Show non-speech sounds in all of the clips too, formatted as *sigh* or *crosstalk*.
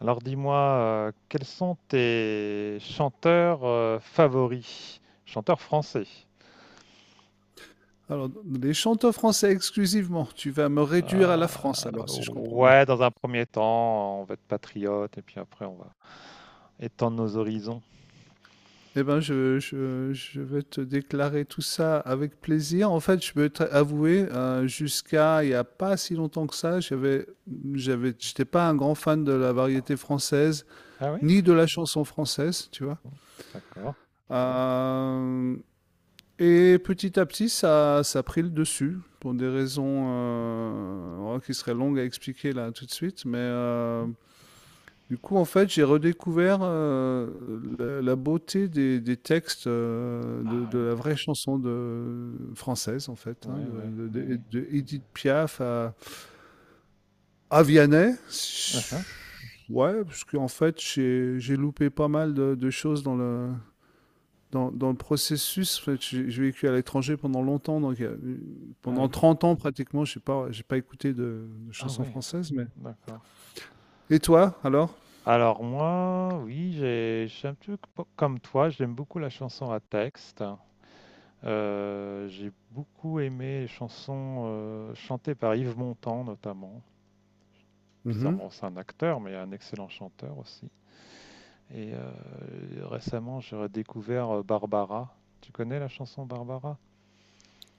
Alors dis-moi, quels sont tes chanteurs favoris? Chanteurs français. Alors, les chanteurs français exclusivement, tu vas me réduire à la France Euh, alors, si je comprends bien. ouais, dans un premier temps, on va être patriote et puis après on va étendre nos horizons. Eh ben, je vais te déclarer tout ça avec plaisir. En fait, je peux t'avouer, jusqu'à il n'y a pas si longtemps que ça, j'étais pas un grand fan de la variété française, Ah oui? ni de la chanson française, tu vois. Bon, d'accord. Euh, et petit à petit, ça a pris le dessus, pour des raisons oh, qui seraient longues à expliquer là tout de suite, mais... Mhm. Du coup, en fait, j'ai redécouvert la beauté des textes Ah de oui, la vraie chanson de, française, en fait, hein, ouais, ouais, de, ouais, de- ouais. de- de Édith Piaf à Vianney. Uh-huh. Ouais, parce qu'en fait, j'ai loupé pas mal de choses dans le, dans le processus. En fait, j'ai vécu à l'étranger pendant longtemps, donc Ah pendant oui, 30 ans pratiquement, j'ai pas écouté de ah chansons ouais, françaises. Mais... d'accord. Et toi, alors? Alors moi, oui, je suis un peu comme toi, j'aime beaucoup la chanson à texte. J'ai beaucoup aimé les chansons chantées par Yves Montand notamment. Mhm. Bizarrement, c'est un acteur, mais un excellent chanteur aussi. Et récemment, j'ai redécouvert Barbara. Tu connais la chanson Barbara?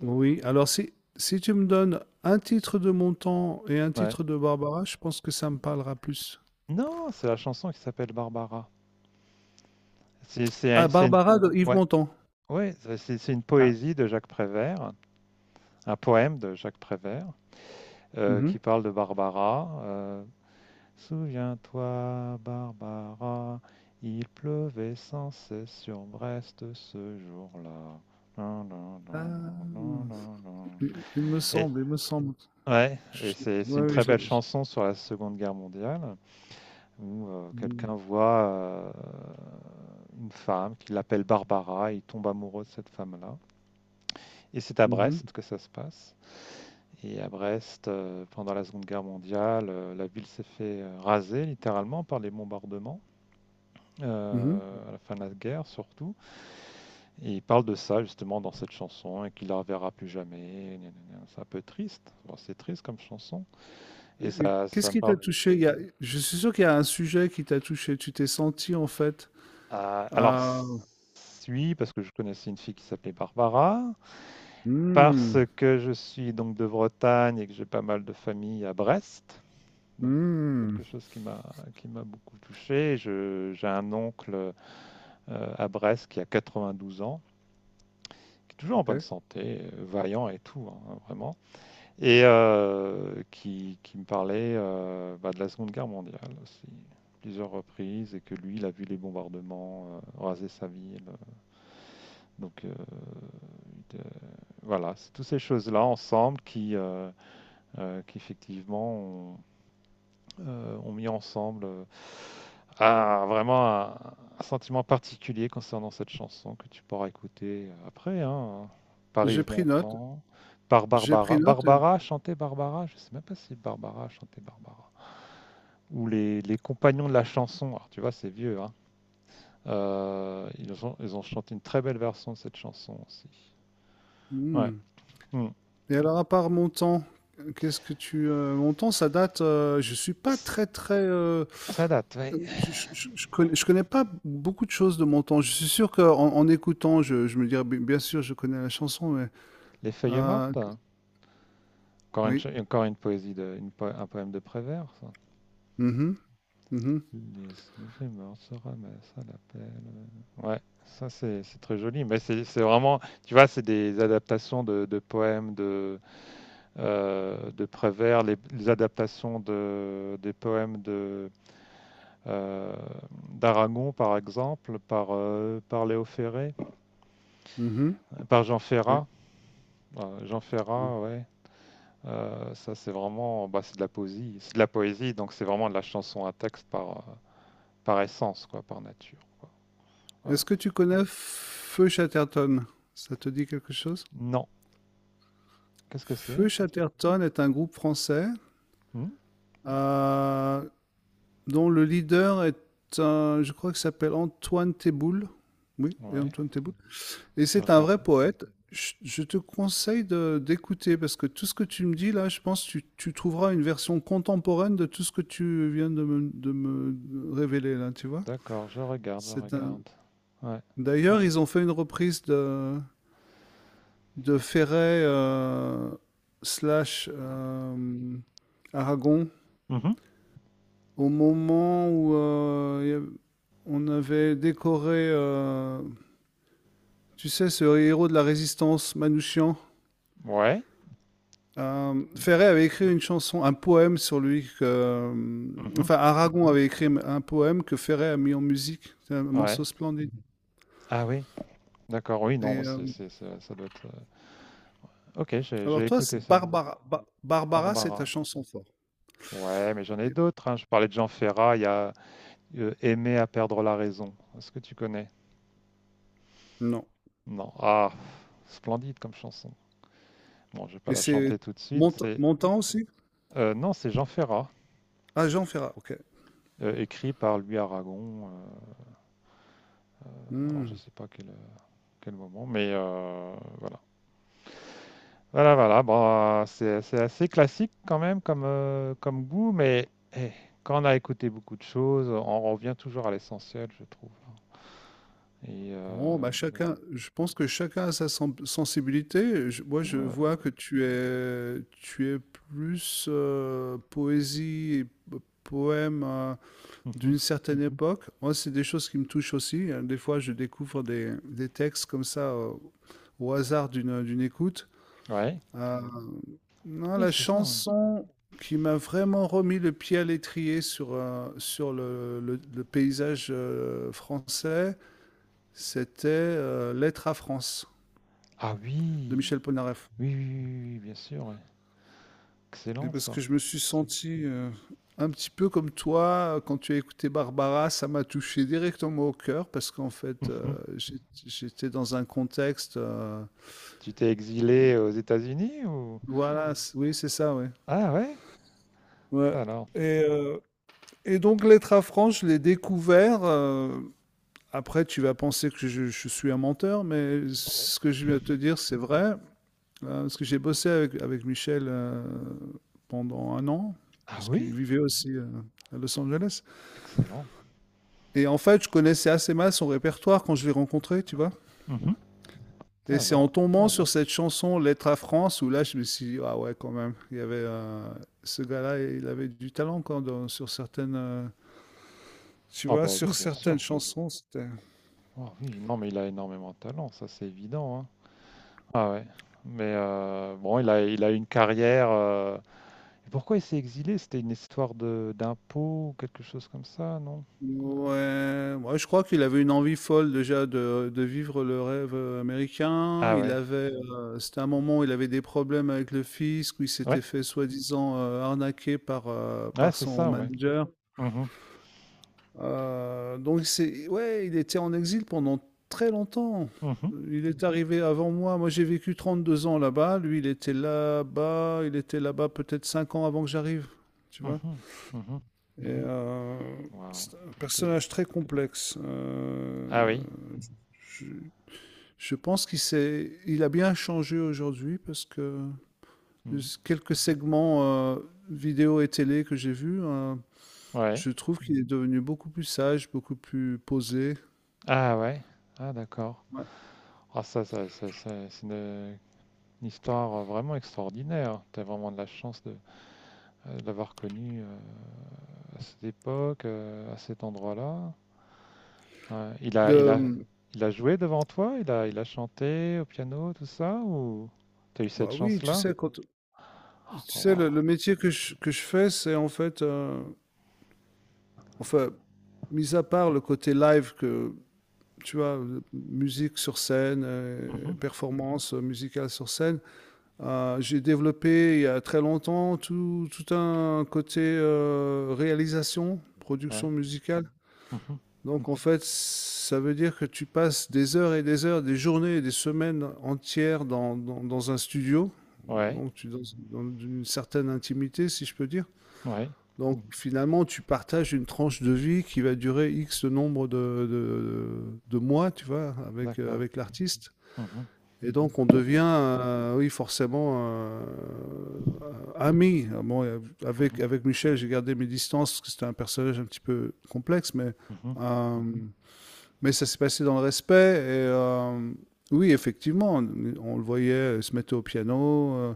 Oui, alors si, si tu me donnes un titre de Montand et un Ouais. titre de Barbara, je pense que ça me parlera plus. Non, c'est la chanson qui s'appelle Barbara. C'est c'est Ah, un- c'est une. Barbara de Yves Ouais, Montand. ouais, c'est une Ah. poésie de Jacques Prévert, un poème de Jacques Prévert, Mhm. qui parle de Barbara. Souviens-toi, Barbara, il pleuvait sans cesse sur Brest ce jour-là. Nan, nan, nan, nan, nan, Ah, nan, nan. il me Et semble, il me semble. ouais, et Je- c'est une ouais, oui, très je belle l'ai- je- chanson sur la Seconde Guerre mondiale où Mhm, quelqu'un voit une femme qui l'appelle Barbara, et il tombe amoureux de cette femme-là. Et c'est à mhm, Brest que ça se passe. Et à Brest, pendant la Seconde Guerre mondiale, la ville s'est fait raser littéralement par les bombardements. mhm. À la fin de la guerre surtout. Et il parle de ça justement dans cette chanson et qu'il la reverra plus jamais. C'est un peu triste. Bon, c'est triste comme chanson. Et Et ça, qu'est-ce ça me qui t'a parle. touché? Il y a- je suis sûr qu'il y a un sujet qui t'a touché. Tu t'es senti en fait. Ah, alors, Ah, oui, parce que je connaissais une fille qui s'appelait Barbara, parce hmm, que je suis donc de Bretagne et que j'ai pas mal de famille à Brest. Donc. hmm, Quelque chose qui m'a beaucoup touché. J'ai un oncle à Brest qui a 92 ans, qui est toujours en bonne ok. santé, vaillant et tout, hein, vraiment. Et qui, me parlait bah, de la Seconde Guerre mondiale aussi, plusieurs reprises, et que lui, il a vu les bombardements raser sa ville. Donc de- voilà, c'est toutes ces choses-là ensemble qui effectivement, ont mis ensemble vraiment un sentiment particulier concernant cette chanson que tu pourras écouter après, hein, par J'ai Yves pris note. Montand. Par J'ai pris Barbara. note, et- Barbara chantait Barbara. Je sais même pas si Barbara chantait Barbara. Où les compagnons de la chanson, alors tu vois, c'est vieux, hein, ils ont chanté une très belle version de cette chanson aussi. Ouais. hmm. Hmm. Et alors, à part mon temps, qu'est-ce que tu... mon temps, ça date... je suis pas très, très... Ça date, ouais. je, je connais pas beaucoup de choses de mon temps. Je suis sûr qu'en en écoutant, je me dirais, bien sûr, je connais la chanson, mais... Les feuilles euh, mortes, hein. encore une, oui. cha- encore une poésie, un poème de Prévert, ça. Mhm, mhm, Les feuilles mortes se ramassent à l'appel. Ouais, ça c'est très joli, mais c'est vraiment, tu vois, c'est des adaptations de poèmes de Prévert, les adaptations de, des poèmes de euh, d'Aragon, par exemple, par Léo Ferré, mhm, par Jean oui. Ferrat. Jean Oui. Ferrat, ouais. Ça, c'est vraiment bah, c'est de la poésie. C'est de la poésie, donc c'est vraiment de la chanson à texte par essence, quoi, par nature. Voilà. Est-ce que tu connais Feu Chatterton? Ça te dit quelque chose? Non. Qu'est-ce que c'est? Feu Chatterton est un groupe français. Hmm. Euh, dont le leader est un, je crois qu'il s'appelle Antoine Teboul. Oui, et Ouais, Antoine Teboul. Et je c'est un vrai regarde. poète. Je te conseille d'écouter parce que tout ce que tu me dis là, je pense que tu trouveras une version contemporaine de tout ce que tu viens de me révéler là, tu vois. D'accord, je regarde, je C'est un. regarde. Ouais. D'ailleurs, ils ont fait une reprise de Ferret slash Aragon Mhm. au moment où on avait décoré, tu sais, ce héros de la résistance, Manouchian. Ouais. Ferré avait écrit une chanson, un poème sur lui. Que, Mhm. enfin, Aragon avait écrit un poème que Ferré a mis en musique. C'est un morceau Ouais. splendide. Ah oui, d'accord, oui, Et, non, euh, ça doit être. Ok, j'ai alors, j'ai toi, c'est écouté ça. Barbara, Barbara c'est ta Barbara. chanson forte. Ouais, mais j'en ai d'autres, hein. Je parlais de Jean Ferrat. Il y a Aimer à perdre la raison. Est-ce que tu connais? Non. Non. Ah, splendide comme chanson. Bon, je vais pas Et la c'est chanter tout de suite. C'est Montan aussi. Non, c'est Jean Ferrat, Ah, Jean Ferrat, ok. Écrit par Louis Aragon. Alors je Hmm. sais pas quel moment, mais voilà. Voilà, voilà. Bon, c'est assez classique quand même comme comme goût, mais eh, quand on a écouté beaucoup de choses, on revient toujours à l'essentiel, je trouve. Et Bon bah, chacun je pense que chacun a sa sensibilité. Je- moi, je vois Ouais. que tu es plus poésie et poème Mhm. d'une certaine mhm époque. Moi, c'est des choses qui me touchent aussi, hein. Des fois, je découvre des textes comme ça au hasard d'une écoute. Ouais. Mhm. Non, Oui, la c'est ça, ouais. chanson qui m'a vraiment remis le pied à l'étrier sur, sur le, le paysage français, c'était Lettre à France Ah de oui, Michel Polnareff. oui, oui, oui, oui, oui, bien sûr, ouais. Et Excellent parce ça. que je me suis senti un petit peu comme toi, quand tu as écouté Barbara, ça m'a touché directement au cœur parce qu'en fait, Mhm. J'étais dans un contexte. Tu t'es exilé aux États-Unis ou. Voilà, c- oui, c'est ça, oui. Ah ouais, Ouais. ça alors. Et, euh, et donc, Lettre à France, je l'ai découvert. Après, tu vas penser que je suis un menteur, mais ce que je viens de te dire, c'est vrai. Parce que j'ai bossé avec, avec Michel pendant 1 an, Ah parce qu'il oui, vivait aussi à Los Angeles. excellent. Et en fait, je connaissais assez mal son répertoire quand je l'ai rencontré, tu vois. Mhm. Ça Et c'est en alors. tombant sur cette chanson Lettre à France où là, je me suis dit, ah ouais, quand même, il y avait ce gars-là, il avait du talent quand, sur certaines, tu Ah vois, bah oui, sur bien sûr. certaines chansons, c'était. Ah oui, non mais il a énormément de talent, ça c'est évident, hein. Ah ouais. Mais bon, il a une carrière. Et pourquoi il s'est exilé? C'était une histoire de d'impôts ou quelque chose comme ça, non? Ouais, je crois qu'il avait une envie folle déjà de vivre le rêve américain. Ah Il ouais. avait, c'était un moment où il avait des problèmes avec le fisc, où il s'était Ouais, fait soi-disant arnaquer par, ouais, par c'est son ça, ouais. manager. Mhm. Donc c'est, ouais, il était en exil pendant très longtemps. Mhm. Il est arrivé avant moi. Moi, j'ai vécu 32 ans là-bas. Lui, il était là-bas. Il était là-bas peut-être 5 ans avant que j'arrive. Tu vois? Mhm, mhm. Et, euh, Waouh, c'est un OK. personnage très complexe. Ah oui. je, je pense qu'il s'est, il a bien changé aujourd'hui parce que Mmh. quelques segments vidéo et télé que j'ai vus, Ouais. je trouve qu'il est devenu beaucoup plus sage, beaucoup plus posé. Ah ouais. Ah d'accord. Ouais. Ah ça c'est une histoire, vraiment extraordinaire. T'as vraiment de la chance de l'avoir connu, à cette époque, à cet endroit-là. Ouais. Il a il a Le, il a joué devant toi? Il a chanté au piano, tout ça ou t'as eu cette bah oui, tu chance-là? sais, quand, tu Oh sais, le waouh. métier que que je fais, c'est en fait, enfin, mis à part le côté live que tu vois, musique sur scène, Mhm. performance musicale sur scène. J'ai développé il y a très longtemps tout, tout un côté réalisation, Ouais. production musicale. Mhm. Donc en fait, ça veut dire que tu passes des heures et des heures, des journées et des semaines entières dans, dans un studio, Ouais. donc tu dans, dans une certaine intimité, si je peux dire. Ouais. Donc finalement, tu partages une tranche de vie qui va durer X nombre de mois, tu vois, avec, D'accord. avec l'artiste. Mhm. Et donc on devient, oui, forcément euh, ami. Ah bon, Mhm. avec, avec Michel, j'ai gardé mes distances parce que c'était un personnage un petit peu complexe, Mhm. euh, mais ça s'est passé dans le respect. Oui, effectivement, on le voyait se mettre au piano,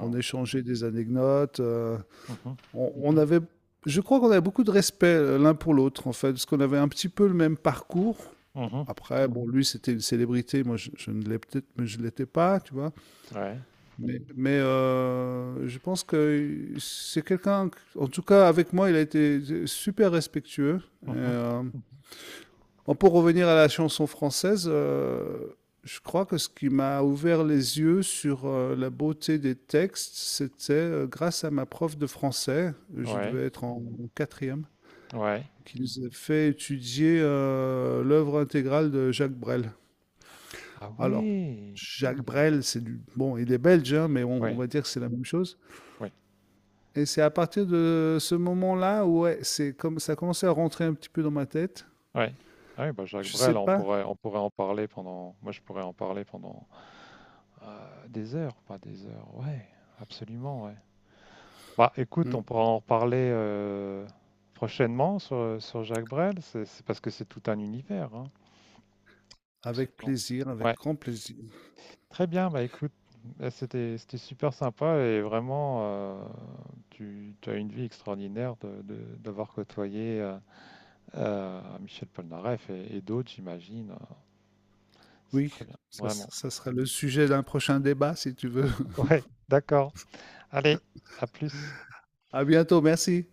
on échangeait des anecdotes. Mhm. On avait, je crois qu'on avait beaucoup de respect l'un pour l'autre, en fait, parce qu'on avait un petit peu le même parcours. Mhm. Après, bon, lui, c'était une célébrité, moi, je ne l'ai peut-être, mais je ne l'étais pas, tu vois. Ouais. Mais, je pense que c'est quelqu'un, en tout cas, avec moi, il a été super respectueux. Et, Mhm. euh, Bon, pour revenir à la chanson française, je crois que ce qui m'a ouvert les yeux sur la beauté des textes, c'était grâce à ma prof de français, je Ouais, devais être en, en quatrième, ouais. qui nous a fait étudier l'œuvre intégrale de Jacques Brel. Ah Alors, oui! Jacques Brel, c'est du... Bon, il est belge, hein, mais on Oui va dire que c'est la même chose. oui, Et c'est à partir de ce moment-là où ouais, c'est comme ça a commencé à rentrer un petit peu dans ma tête. ouais. Ah oui, bah, Jacques Je sais Brel, on pas. pourrait en parler pendant moi, je pourrais en parler pendant, des heures, pas des heures. Ouais, absolument, ouais. Bah, écoute, Mm. on pourra en reparler, prochainement sur Jacques Brel. C'est parce que c'est tout un univers, hein. Avec Absolument. plaisir, avec Ouais. grand plaisir. Très bien, bah écoute, là, c'était super sympa et vraiment, tu as une vie extraordinaire d'avoir côtoyé Michel Polnareff et d'autres, j'imagine. C'est Oui, très bien, ça vraiment. ça sera le sujet d'un prochain débat si tu veux. *laughs* *laughs* Ouais, d'accord. Allez, à plus. À bientôt, merci.